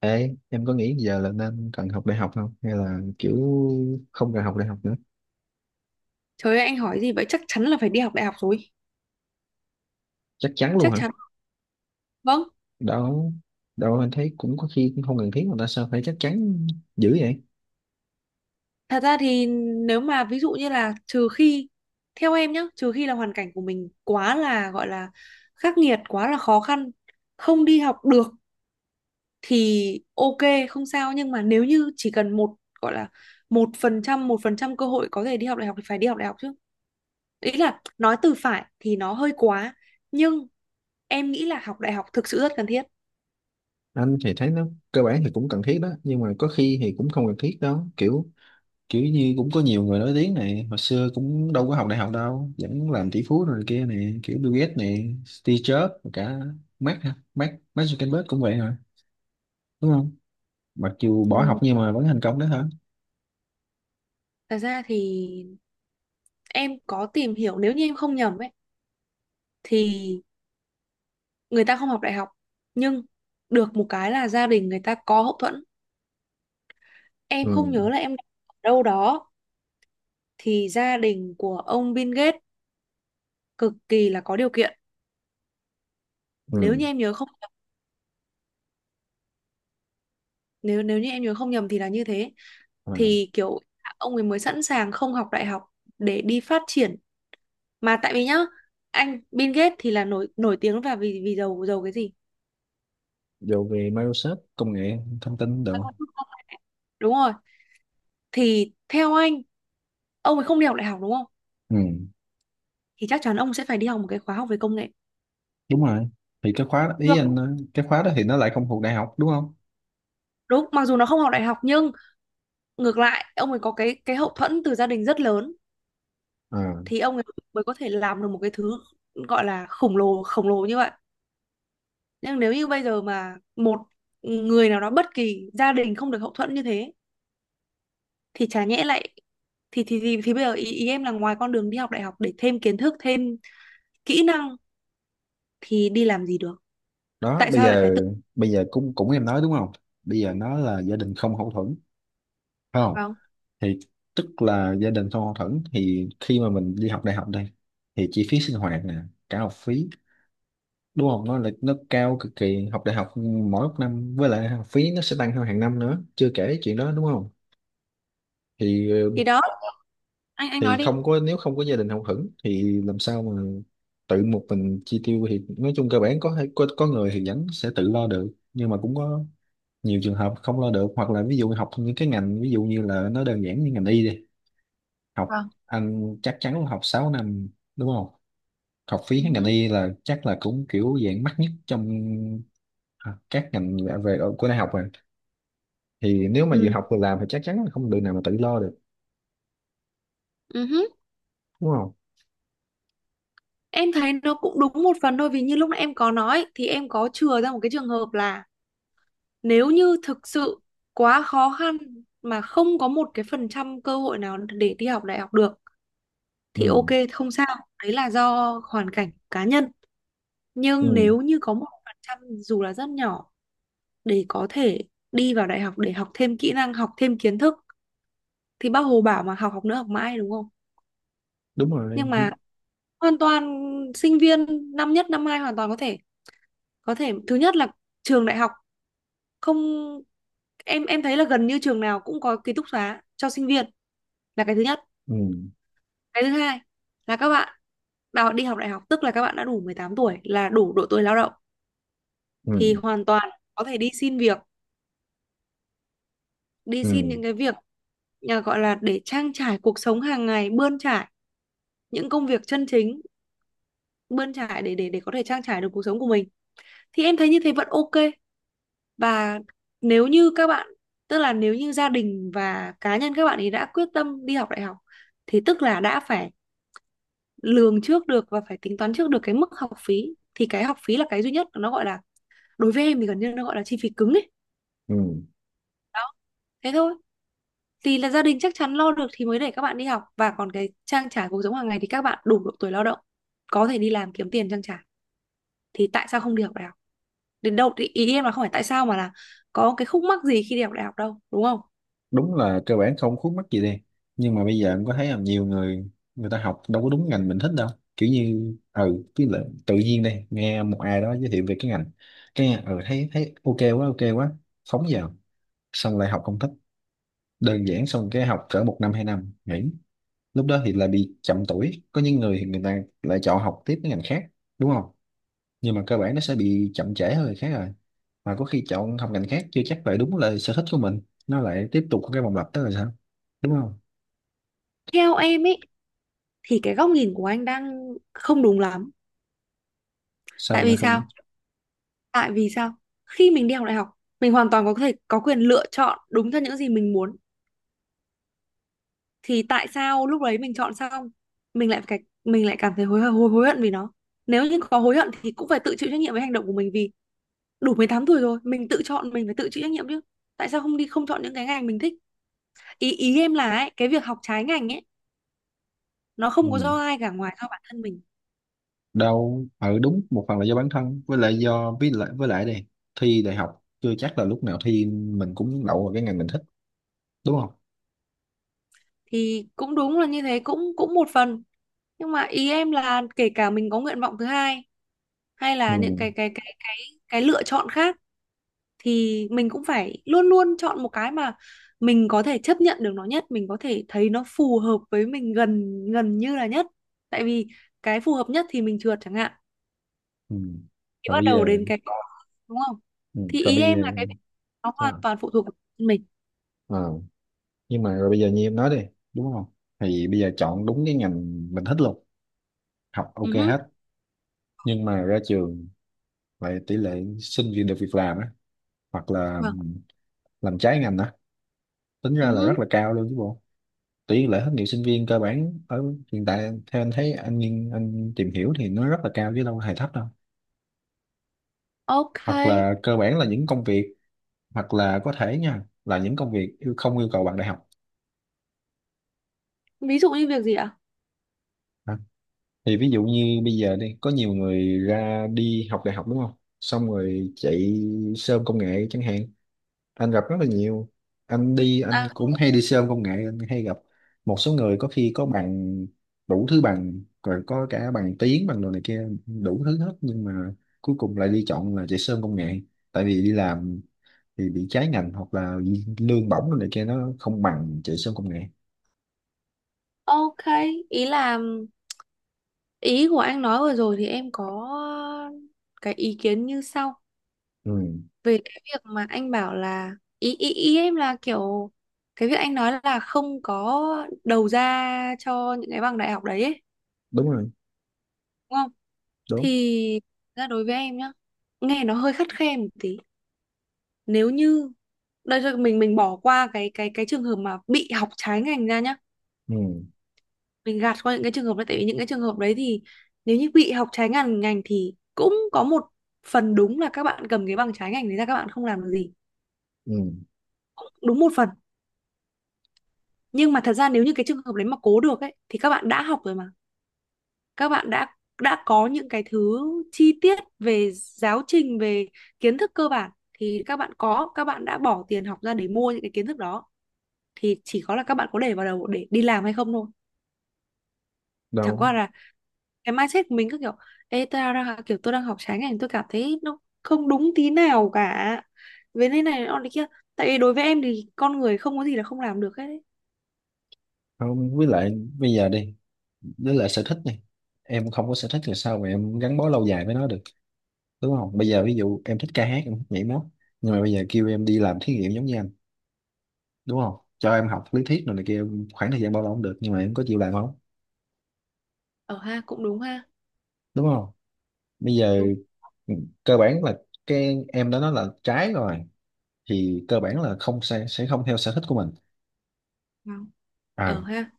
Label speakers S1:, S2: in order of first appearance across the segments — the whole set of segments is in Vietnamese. S1: Ê, em có nghĩ giờ là nên cần học đại học không? Hay là kiểu không cần học đại học nữa?
S2: Trời ơi, anh hỏi gì vậy? Chắc chắn là phải đi học đại học rồi.
S1: Chắc chắn luôn
S2: Chắc
S1: hả?
S2: chắn. Vâng.
S1: Đâu, đâu anh thấy cũng có khi cũng không cần thiết mà ta sao phải chắc chắn dữ vậy?
S2: Thật ra thì nếu mà ví dụ như là trừ khi, theo em nhá, trừ khi là hoàn cảnh của mình quá là, gọi là, khắc nghiệt, quá là khó khăn, không đi học được thì ok, không sao. Nhưng mà nếu như chỉ cần một, gọi là, 1%, 1% cơ hội có thể đi học đại học thì phải đi học đại học chứ. Ý là nói từ phải thì nó hơi quá, nhưng em nghĩ là học đại học thực sự rất cần thiết.
S1: Anh thì thấy nó cơ bản thì cũng cần thiết đó, nhưng mà có khi thì cũng không cần thiết đó. Kiểu kiểu như cũng có nhiều người nổi tiếng này, hồi xưa cũng đâu có học đại học đâu, vẫn làm tỷ phú rồi kia này, kiểu Bill Gates này, Steve Jobs, rồi cả Mark hả? Mark Zuckerberg cũng vậy hả? Đúng không? Mặc dù bỏ
S2: Ừ,
S1: học nhưng mà vẫn thành công đó hả?
S2: thật ra thì em có tìm hiểu, nếu như em không nhầm ấy, thì người ta không học đại học nhưng được một cái là gia đình người ta có hậu thuẫn. Em
S1: Ừ,
S2: không nhớ là em đọc ở đâu đó, thì gia đình của ông Bill Gates cực kỳ là có điều kiện, nếu như em nhớ không nhầm, nếu nếu như em nhớ không nhầm thì là như thế.
S1: ừ.
S2: Thì kiểu ông ấy mới sẵn sàng không học đại học để đi phát triển, mà tại vì nhá, anh Bill Gates thì là nổi nổi tiếng và vì vì giàu giàu cái gì.
S1: Dù về Microsoft công nghệ thông tin được không?
S2: Đúng rồi. Thì theo anh, ông ấy không đi học đại học đúng không,
S1: Ừ,
S2: thì chắc chắn ông sẽ phải đi học một cái khóa học về công nghệ.
S1: đúng rồi. Thì cái khóa ý
S2: Được.
S1: anh nói, cái khóa đó thì nó lại không thuộc đại học đúng không?
S2: Đúng, mặc dù nó không học đại học nhưng ngược lại ông ấy có cái hậu thuẫn từ gia đình rất lớn.
S1: Ờ,
S2: Thì ông ấy mới có thể làm được một cái thứ gọi là khổng lồ như vậy. Nhưng nếu như bây giờ mà một người nào đó bất kỳ gia đình không được hậu thuẫn như thế thì chả nhẽ lại, thì bây giờ ý em là ngoài con đường đi học đại học để thêm kiến thức, thêm kỹ năng thì đi làm gì được?
S1: đó
S2: Tại sao lại phải tự
S1: bây giờ cũng cũng em nói đúng không? Bây giờ nó là gia đình không hậu thuẫn phải không?
S2: vào?
S1: Thì tức là gia đình không hậu thuẫn thì khi mà mình đi học đại học đây thì chi phí sinh hoạt nè, cả học phí đúng không? Nó là nó cao cực kỳ học đại học mỗi một năm với lại học phí nó sẽ tăng theo hàng năm nữa, chưa kể chuyện đó đúng không? thì
S2: Thì đó, anh nói
S1: thì
S2: đi.
S1: không có nếu không có gia đình hậu thuẫn thì làm sao mà tự một mình chi tiêu thì nói chung cơ bản có thể- có người thì vẫn sẽ tự lo được nhưng mà cũng có nhiều trường hợp không lo được hoặc là ví dụ học những cái ngành ví dụ như là nó đơn giản như ngành y đi học
S2: Vâng.
S1: anh chắc chắn là học 6 năm đúng không học phí
S2: Ừ.
S1: ngành y là chắc là cũng kiểu dạng mắc nhất trong à, các ngành về về- của đại học rồi thì nếu mà vừa
S2: Ừ,
S1: học vừa làm thì chắc chắn là không được nào mà tự lo được
S2: ừ.
S1: đúng không?
S2: Em thấy nó cũng đúng một phần thôi, vì như lúc nãy em có nói thì em có chừa ra một cái trường hợp là nếu như thực sự quá khó khăn mà không có một cái phần trăm cơ hội nào để đi học đại học được
S1: Ừ,
S2: thì ok, không sao, đấy là do hoàn cảnh cá nhân.
S1: ừ,
S2: Nhưng nếu như có 1% dù là rất nhỏ để có thể đi vào đại học để học thêm kỹ năng, học thêm kiến thức, thì bác Hồ bảo mà học, học nữa, học mãi, đúng không?
S1: đúng rồi.
S2: Nhưng
S1: Ừ,
S2: mà hoàn toàn, sinh viên năm nhất năm hai hoàn toàn có thể, có thể. Thứ nhất là trường đại học, không, em thấy là gần như trường nào cũng có ký túc xá cho sinh viên, là cái thứ nhất.
S1: ừ,
S2: Cái thứ hai là các bạn, bảo đi học đại học tức là các bạn đã đủ 18 tuổi, là đủ độ tuổi lao động,
S1: ừ.
S2: thì hoàn toàn có thể đi xin việc, đi xin
S1: Ừ,
S2: những cái việc, à, gọi là để trang trải cuộc sống hàng ngày, bươn trải, những công việc chân chính, bươn trải để có thể trang trải được cuộc sống của mình. Thì em thấy như thế vẫn ok. Và nếu như các bạn, tức là nếu như gia đình và cá nhân các bạn ấy đã quyết tâm đi học đại học thì tức là đã phải lường trước được và phải tính toán trước được cái mức học phí. Thì cái học phí là cái duy nhất, nó gọi là, đối với em thì gần như nó gọi là chi phí cứng ấy.
S1: ừ.
S2: Đó, thế thôi. Thì là gia đình chắc chắn lo được thì mới để các bạn đi học, và còn cái trang trải cuộc sống hàng ngày thì các bạn đủ độ tuổi lao động, có thể đi làm kiếm tiền trang trải, thì tại sao không đi học đại học đến đâu? Thì ý em là không phải tại sao mà là có cái khúc mắc gì khi đi học đại học đâu, đúng không?
S1: Đúng là cơ bản không khuất mắc gì đi nhưng mà bây giờ em có thấy là nhiều người người ta học đâu có đúng ngành mình thích đâu kiểu như ừ cứ là tự nhiên đây nghe một ai đó giới thiệu về cái ngành cái nghe, ừ thấy thấy ok quá phóng vào xong lại học không thích đơn giản xong cái học cỡ 1 năm 2 năm nghỉ lúc đó thì lại bị chậm tuổi có những người thì người ta lại chọn học tiếp cái ngành khác đúng không nhưng mà cơ bản nó sẽ bị chậm trễ hơn người khác rồi mà có khi chọn học ngành khác chưa chắc lại đúng là sở thích của mình nó lại tiếp tục cái vòng lặp đó là sao đúng không
S2: Theo em ấy, thì cái góc nhìn của anh đang không đúng lắm. Tại
S1: sao lại
S2: vì sao?
S1: không?
S2: Tại vì sao khi mình đi học đại học, mình hoàn toàn có thể có quyền lựa chọn đúng theo những gì mình muốn, thì tại sao lúc đấy mình chọn xong, mình lại phải, mình lại cảm thấy hối hối hối hận vì nó? Nếu như có hối hận thì cũng phải tự chịu trách nhiệm với hành động của mình, vì đủ 18 tuổi rồi mình tự chọn, mình phải tự chịu trách nhiệm chứ. Tại sao không đi, không chọn những cái ngành mình thích? Ý, ý em là ấy, cái việc học trái ngành ấy, nó không có
S1: Ừ,
S2: do ai cả ngoài do bản thân mình.
S1: đâu ừ đúng một phần là do bản thân với lại do với lại đây thi đại học chưa chắc là lúc nào thi mình cũng đậu vào cái ngành mình thích đúng không?
S2: Thì cũng đúng là như thế, cũng cũng một phần, nhưng mà ý em là kể cả mình có nguyện vọng thứ hai hay là những
S1: Ừ.
S2: cái cái lựa chọn khác, thì mình cũng phải luôn luôn chọn một cái mà mình có thể chấp nhận được nó nhất, mình có thể thấy nó phù hợp với mình gần gần như là nhất. Tại vì cái phù hợp nhất thì mình trượt chẳng hạn,
S1: Ừ.
S2: thì
S1: Rồi
S2: bắt
S1: bây
S2: đầu
S1: giờ
S2: đến cái, đúng không?
S1: ừ.
S2: Thì
S1: Rồi
S2: ý
S1: bây giờ
S2: em là cái, nó hoàn
S1: sao?
S2: toàn phụ thuộc vào mình.
S1: Ờ, nhưng mà rồi bây giờ như em nói đi đúng không thì bây giờ chọn đúng cái ngành mình thích luôn học
S2: Ừ
S1: ok
S2: hứ.
S1: hết nhưng mà ra trường vậy tỷ lệ sinh viên được việc làm á hoặc là
S2: Vâng.
S1: làm trái ngành á tính
S2: Ừ
S1: ra là
S2: hứ.
S1: rất là cao luôn chứ bộ tỷ lệ thất nghiệp sinh viên cơ bản ở hiện tại theo anh thấy anh nghiên- anh tìm hiểu thì nó rất là cao chứ đâu hề thấp đâu
S2: Ok.
S1: hoặc là cơ bản là những công việc hoặc là có thể nha là những công việc yêu- không yêu cầu bằng đại học.
S2: Ví dụ như việc gì ạ?
S1: Ha. Thì ví dụ như bây giờ đi có nhiều người ra đi học đại học đúng không xong rồi chạy sơm công nghệ chẳng hạn anh gặp rất là nhiều anh đi anh
S2: À,
S1: cũng hay đi xe ôm công nghệ anh hay gặp một số người có khi có bằng đủ thứ bằng rồi có cả bằng tiếng bằng đồ này kia đủ thứ hết nhưng mà cuối cùng lại đi chọn là chạy xe ôm công nghệ tại vì đi làm thì bị trái ngành hoặc là lương bổng đồ này kia nó không bằng chạy xe ôm công nghệ.
S2: ok. Ý là ý của anh nói vừa rồi thì em có cái ý kiến như sau,
S1: Ừ,
S2: về cái việc mà anh bảo là, ý ý ý em là kiểu, cái việc anh nói là không có đầu ra cho những cái bằng đại học đấy ấy,
S1: đúng rồi.
S2: đúng không?
S1: Đúng.
S2: Thì ra đối với em nhá, nghe nó hơi khắt khe một tí. Nếu như đây rồi mình bỏ qua cái trường hợp mà bị học trái ngành ra nhá,
S1: Ừ,
S2: mình gạt qua những cái trường hợp đấy, tại vì những cái trường hợp đấy thì nếu như bị học trái ngành ngành thì cũng có một phần đúng là các bạn cầm cái bằng trái ngành đấy ra, các bạn không làm được gì.
S1: ừ.
S2: Cũng đúng một phần, nhưng mà thật ra nếu như cái trường hợp đấy mà cố được ấy thì các bạn đã học rồi mà, các bạn đã có những cái thứ chi tiết về giáo trình, về kiến thức cơ bản. Thì các bạn có, các bạn đã bỏ tiền học ra để mua những cái kiến thức đó, thì chỉ có là các bạn có để vào đầu để đi làm hay không thôi. Chẳng
S1: Đâu
S2: qua là cái mindset của mình cứ kiểu ê, kiểu tôi đang học trái ngành, tôi cảm thấy nó không đúng tí nào cả, với thế này nó thế kia. Tại vì đối với em thì con người không có gì là không làm được hết ấy.
S1: không với lại bây giờ đi với lại sở thích này em không có sở thích là sao mà em gắn bó lâu dài với nó được đúng không bây giờ ví dụ em thích ca hát em thích nhảy múa nhưng mà bây giờ kêu em đi làm thí nghiệm giống như anh đúng không cho em học lý thuyết rồi này kia em- khoảng thời gian bao lâu cũng được nhưng mà em có chịu làm không
S2: Ở ha, cũng đúng ha.
S1: đúng không bây giờ
S2: Đúng.
S1: ừ, cơ bản là cái em đã nói là trái rồi thì cơ bản là không sẽ không theo sở thích của mình
S2: Vâng. ở
S1: à
S2: ha.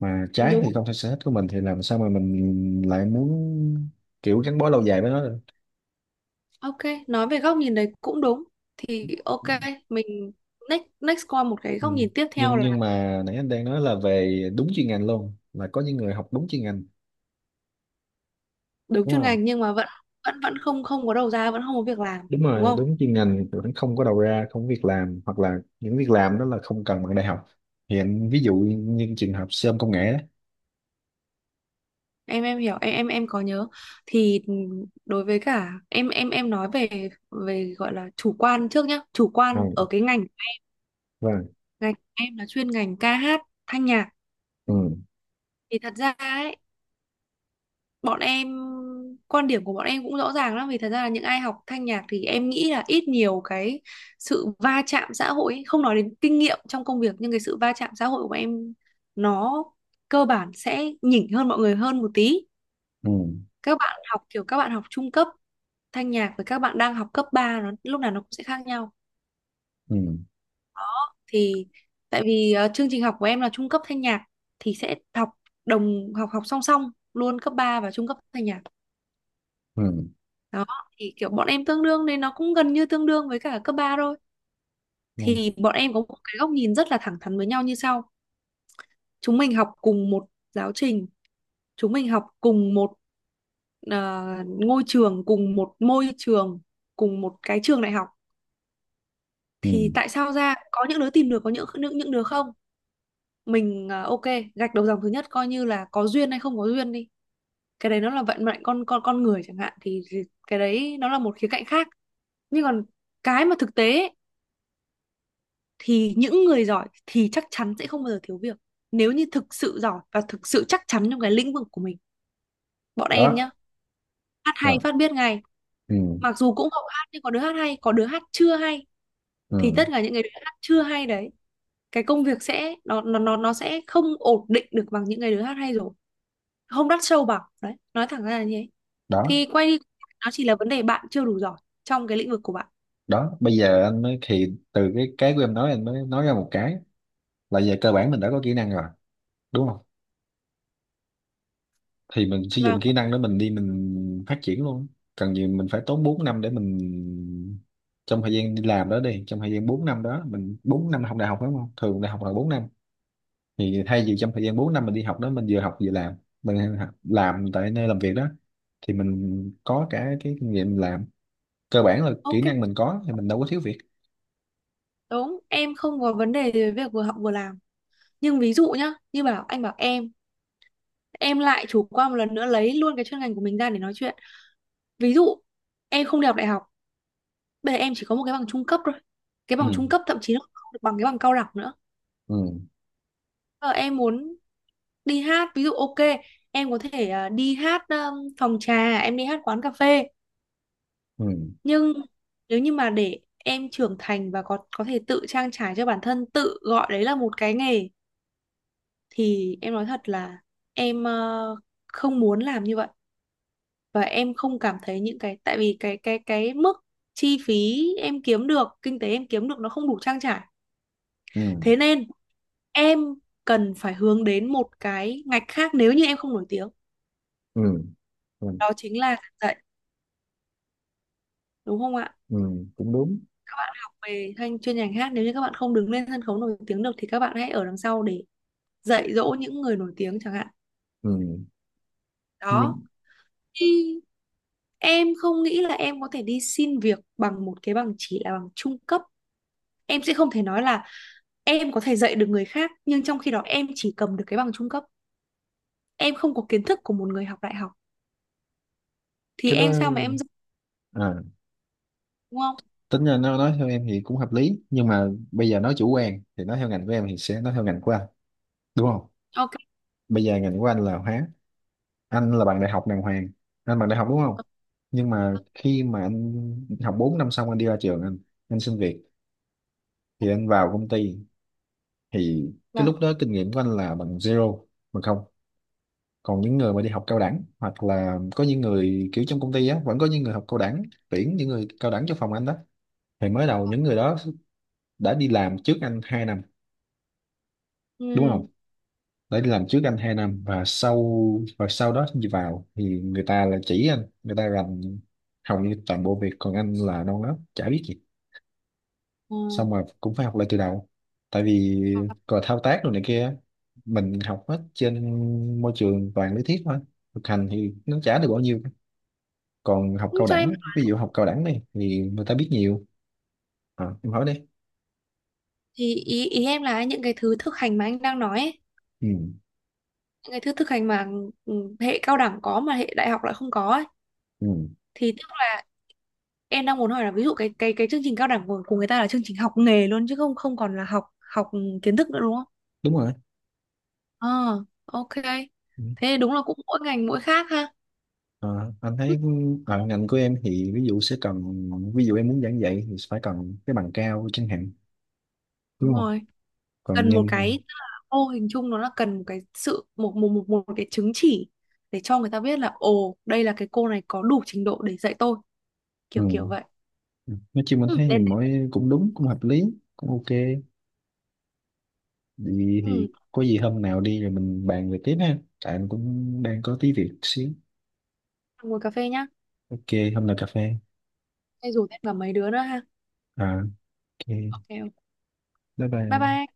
S1: mà trái
S2: Đúng.
S1: thì không theo sở thích của mình thì làm sao mà mình lại muốn kiểu gắn bó lâu dài với nó được.
S2: Ok. Nói về góc nhìn đấy cũng đúng, thì ok, mình next next qua một cái
S1: Ừ.
S2: góc nhìn tiếp theo
S1: nhưng
S2: là
S1: mà nãy anh đang nói là về đúng chuyên ngành luôn là có những người học đúng chuyên ngành
S2: đúng
S1: đúng
S2: chuyên
S1: không
S2: ngành nhưng mà vẫn, vẫn không không có đầu ra, vẫn không có việc làm,
S1: đúng
S2: đúng
S1: rồi
S2: không?
S1: đúng chuyên ngành tụi nó không có đầu ra không có việc làm hoặc là những việc làm đó là không cần bằng đại học hiện ví dụ như trường hợp sơm công nghệ.
S2: Em hiểu, em có nhớ, thì đối với cả em nói về về gọi là chủ quan trước nhá, chủ
S1: Đó,
S2: quan
S1: ừ,
S2: ở cái ngành,
S1: vâng.
S2: ngành em là chuyên ngành ca hát, thanh nhạc.
S1: Ừ,
S2: Thì thật ra ấy, bọn em, quan điểm của bọn em cũng rõ ràng lắm, vì thật ra là những ai học thanh nhạc thì em nghĩ là ít nhiều cái sự va chạm xã hội ấy. Không nói đến kinh nghiệm trong công việc, nhưng cái sự va chạm xã hội của bọn em nó cơ bản sẽ nhỉnh hơn mọi người hơn một tí.
S1: ừ,
S2: Các bạn học kiểu các bạn học trung cấp thanh nhạc với các bạn đang học cấp 3 lúc nào nó cũng sẽ khác nhau.
S1: ừ,
S2: Thì tại vì chương trình học của em là trung cấp thanh nhạc, thì sẽ học đồng học học song song luôn cấp 3 và trung cấp thanh nhạc.
S1: ừ,
S2: Đó, thì kiểu bọn em tương đương, nên nó cũng gần như tương đương với cả cấp 3 thôi.
S1: ừ,
S2: Thì bọn em có một cái góc nhìn rất là thẳng thắn với nhau như sau: chúng mình học cùng một giáo trình, chúng mình học cùng một ngôi trường, cùng một môi trường, cùng một cái trường đại học.
S1: ừ.
S2: Thì tại sao ra có những đứa tìm được, có những đứa không? Mình à, ok, gạch đầu dòng thứ nhất coi như là có duyên hay không có duyên đi, cái đấy nó là vận mệnh con người chẳng hạn, thì cái đấy nó là một khía cạnh khác. Nhưng còn cái mà thực tế ấy, thì những người giỏi thì chắc chắn sẽ không bao giờ thiếu việc, nếu như thực sự giỏi và thực sự chắc chắn trong cái lĩnh vực của mình. Bọn em
S1: Đó
S2: nhá, hát hay
S1: rồi
S2: phát biết ngay.
S1: ừ,
S2: Mặc dù cũng học hát nhưng có đứa hát hay, có đứa hát chưa hay. Thì
S1: ừ.
S2: tất cả những người đứa hát chưa hay đấy, cái công việc sẽ nó sẽ không ổn định được bằng những người đứa hát hay rồi, không đắt sâu bằng đấy, nói thẳng ra là như thế.
S1: Đó
S2: Thì quay đi, nó chỉ là vấn đề bạn chưa đủ giỏi trong cái lĩnh vực của bạn.
S1: đó bây giờ anh mới thì từ cái của em nói anh mới nói ra một cái là về cơ bản mình đã có kỹ năng rồi đúng không thì mình sử dụng
S2: Và
S1: kỹ năng đó mình đi mình phát triển luôn cần gì mình phải tốn 4 năm để mình trong thời gian đi làm đó đi trong thời gian 4 năm đó mình 4 năm học đại học đúng không thường đại học là 4 năm thì thay vì trong thời gian 4 năm mình đi học đó mình vừa học vừa làm mình học- làm tại nơi làm việc đó thì mình có cả cái kinh nghiệm làm cơ bản là
S2: ok,
S1: kỹ năng mình có thì mình đâu có thiếu việc.
S2: đúng, em không có vấn đề về việc vừa học vừa làm. Nhưng ví dụ nhá, như bảo anh bảo em lại chủ quan một lần nữa lấy luôn cái chuyên ngành của mình ra để nói chuyện. Ví dụ em không đi học đại học, bây giờ em chỉ có một cái bằng trung cấp thôi, cái bằng
S1: Ừ,
S2: trung cấp thậm chí nó không được bằng cái bằng cao đẳng nữa.
S1: ừ,
S2: Bây em muốn đi hát ví dụ, ok, em có thể đi hát phòng trà, em đi hát quán cà phê.
S1: ừ,
S2: Nhưng nếu như mà để em trưởng thành và có thể tự trang trải cho bản thân, tự gọi đấy là một cái nghề, thì em nói thật là em không muốn làm như vậy. Và em không cảm thấy những cái, tại vì cái mức chi phí em kiếm được, kinh tế em kiếm được nó không đủ trang trải.
S1: ừ,
S2: Thế nên em cần phải hướng đến một cái ngạch khác nếu như em không nổi tiếng.
S1: ừ, ừ,
S2: Đó chính là giảng dạy, đúng không ạ?
S1: ừ. Cũng đúng
S2: Các bạn học về thanh chuyên ngành hát, nếu như các bạn không đứng lên sân khấu nổi tiếng được thì các bạn hãy ở đằng sau để dạy dỗ những người nổi tiếng chẳng hạn.
S1: ừ. Nhưng
S2: Đó. Thì em không nghĩ là em có thể đi xin việc bằng một cái bằng chỉ là bằng trung cấp. Em sẽ không thể nói là em có thể dạy được người khác nhưng trong khi đó em chỉ cầm được cái bằng trung cấp, em không có kiến thức của một người học đại học, thì
S1: cái đó
S2: em sao mà em dạy? Đúng không?
S1: tính ra nó nói theo em thì cũng hợp lý nhưng mà bây giờ nói chủ quan thì nói theo ngành của em thì sẽ nói theo ngành của anh đúng không
S2: Ok,
S1: bây giờ ngành của anh là hóa anh là bằng đại học đàng hoàng anh bằng đại học đúng không nhưng mà khi mà anh học 4 năm xong anh đi ra trường anh xin việc thì anh vào công ty thì cái
S2: vâng,
S1: lúc đó kinh nghiệm của anh là bằng zero bằng không còn những người mà đi học cao đẳng hoặc là có những người kiểu trong công ty á vẫn có những người học cao đẳng tuyển những người cao đẳng cho phòng anh đó thì mới đầu những người đó đã đi làm trước anh 2 năm đúng không
S2: ừ.
S1: để đi làm trước anh 2 năm và sau đó đi vào thì người ta là chỉ anh người ta làm hầu như toàn bộ việc còn anh là non lắm chả biết gì
S2: Ừ.
S1: xong rồi cũng phải học lại từ đầu tại vì còn thao tác rồi này kia mình học hết trên môi trường toàn lý thuyết thôi thực hành thì nó chả được bao nhiêu còn học
S2: Ừ,
S1: cao
S2: cho em.
S1: đẳng ví dụ học cao đẳng này thì người ta biết nhiều. À, em hỏi đi.
S2: Thì ý ý em là những cái thứ thực hành mà anh đang nói ấy,
S1: Ừ,
S2: những cái thứ thực hành mà ừ, hệ cao đẳng có mà hệ đại học lại không có ấy,
S1: ừ,
S2: thì tức là em đang muốn hỏi là ví dụ cái chương trình cao đẳng của người ta là chương trình học nghề luôn, chứ không không còn là học học kiến thức nữa, đúng không?
S1: đúng rồi.
S2: Ờ, ok.
S1: Ừ.
S2: Thế đúng là cũng mỗi ngành mỗi khác ha.
S1: Ờ, anh
S2: Ừ.
S1: thấy ở ngành của em thì ví dụ sẽ cần ví dụ em muốn giảng dạy thì phải cần cái bằng cao chẳng hạn
S2: Đúng
S1: đúng không
S2: rồi.
S1: còn
S2: Cần một
S1: nhanh
S2: cái, mô hình chung nó là cần một cái sự một cái chứng chỉ để cho người ta biết là ồ, đây là cái cô này có đủ trình độ để dạy tôi, kiểu kiểu
S1: ừ.
S2: vậy.
S1: Nói chung anh
S2: Ừ,
S1: thấy thì
S2: lên đây.
S1: mỗi cũng đúng cũng hợp lý cũng ok thì
S2: Ừ,
S1: có gì hôm nào đi rồi mình bàn về tiếp ha tại anh cũng đang có tí việc xíu
S2: ngồi cà phê nhá.
S1: ok hôm nào cà phê
S2: Hay rủ thêm cả mấy đứa nữa ha.
S1: à, ok
S2: Ok. Ok.
S1: bye
S2: Bye
S1: bye
S2: bye.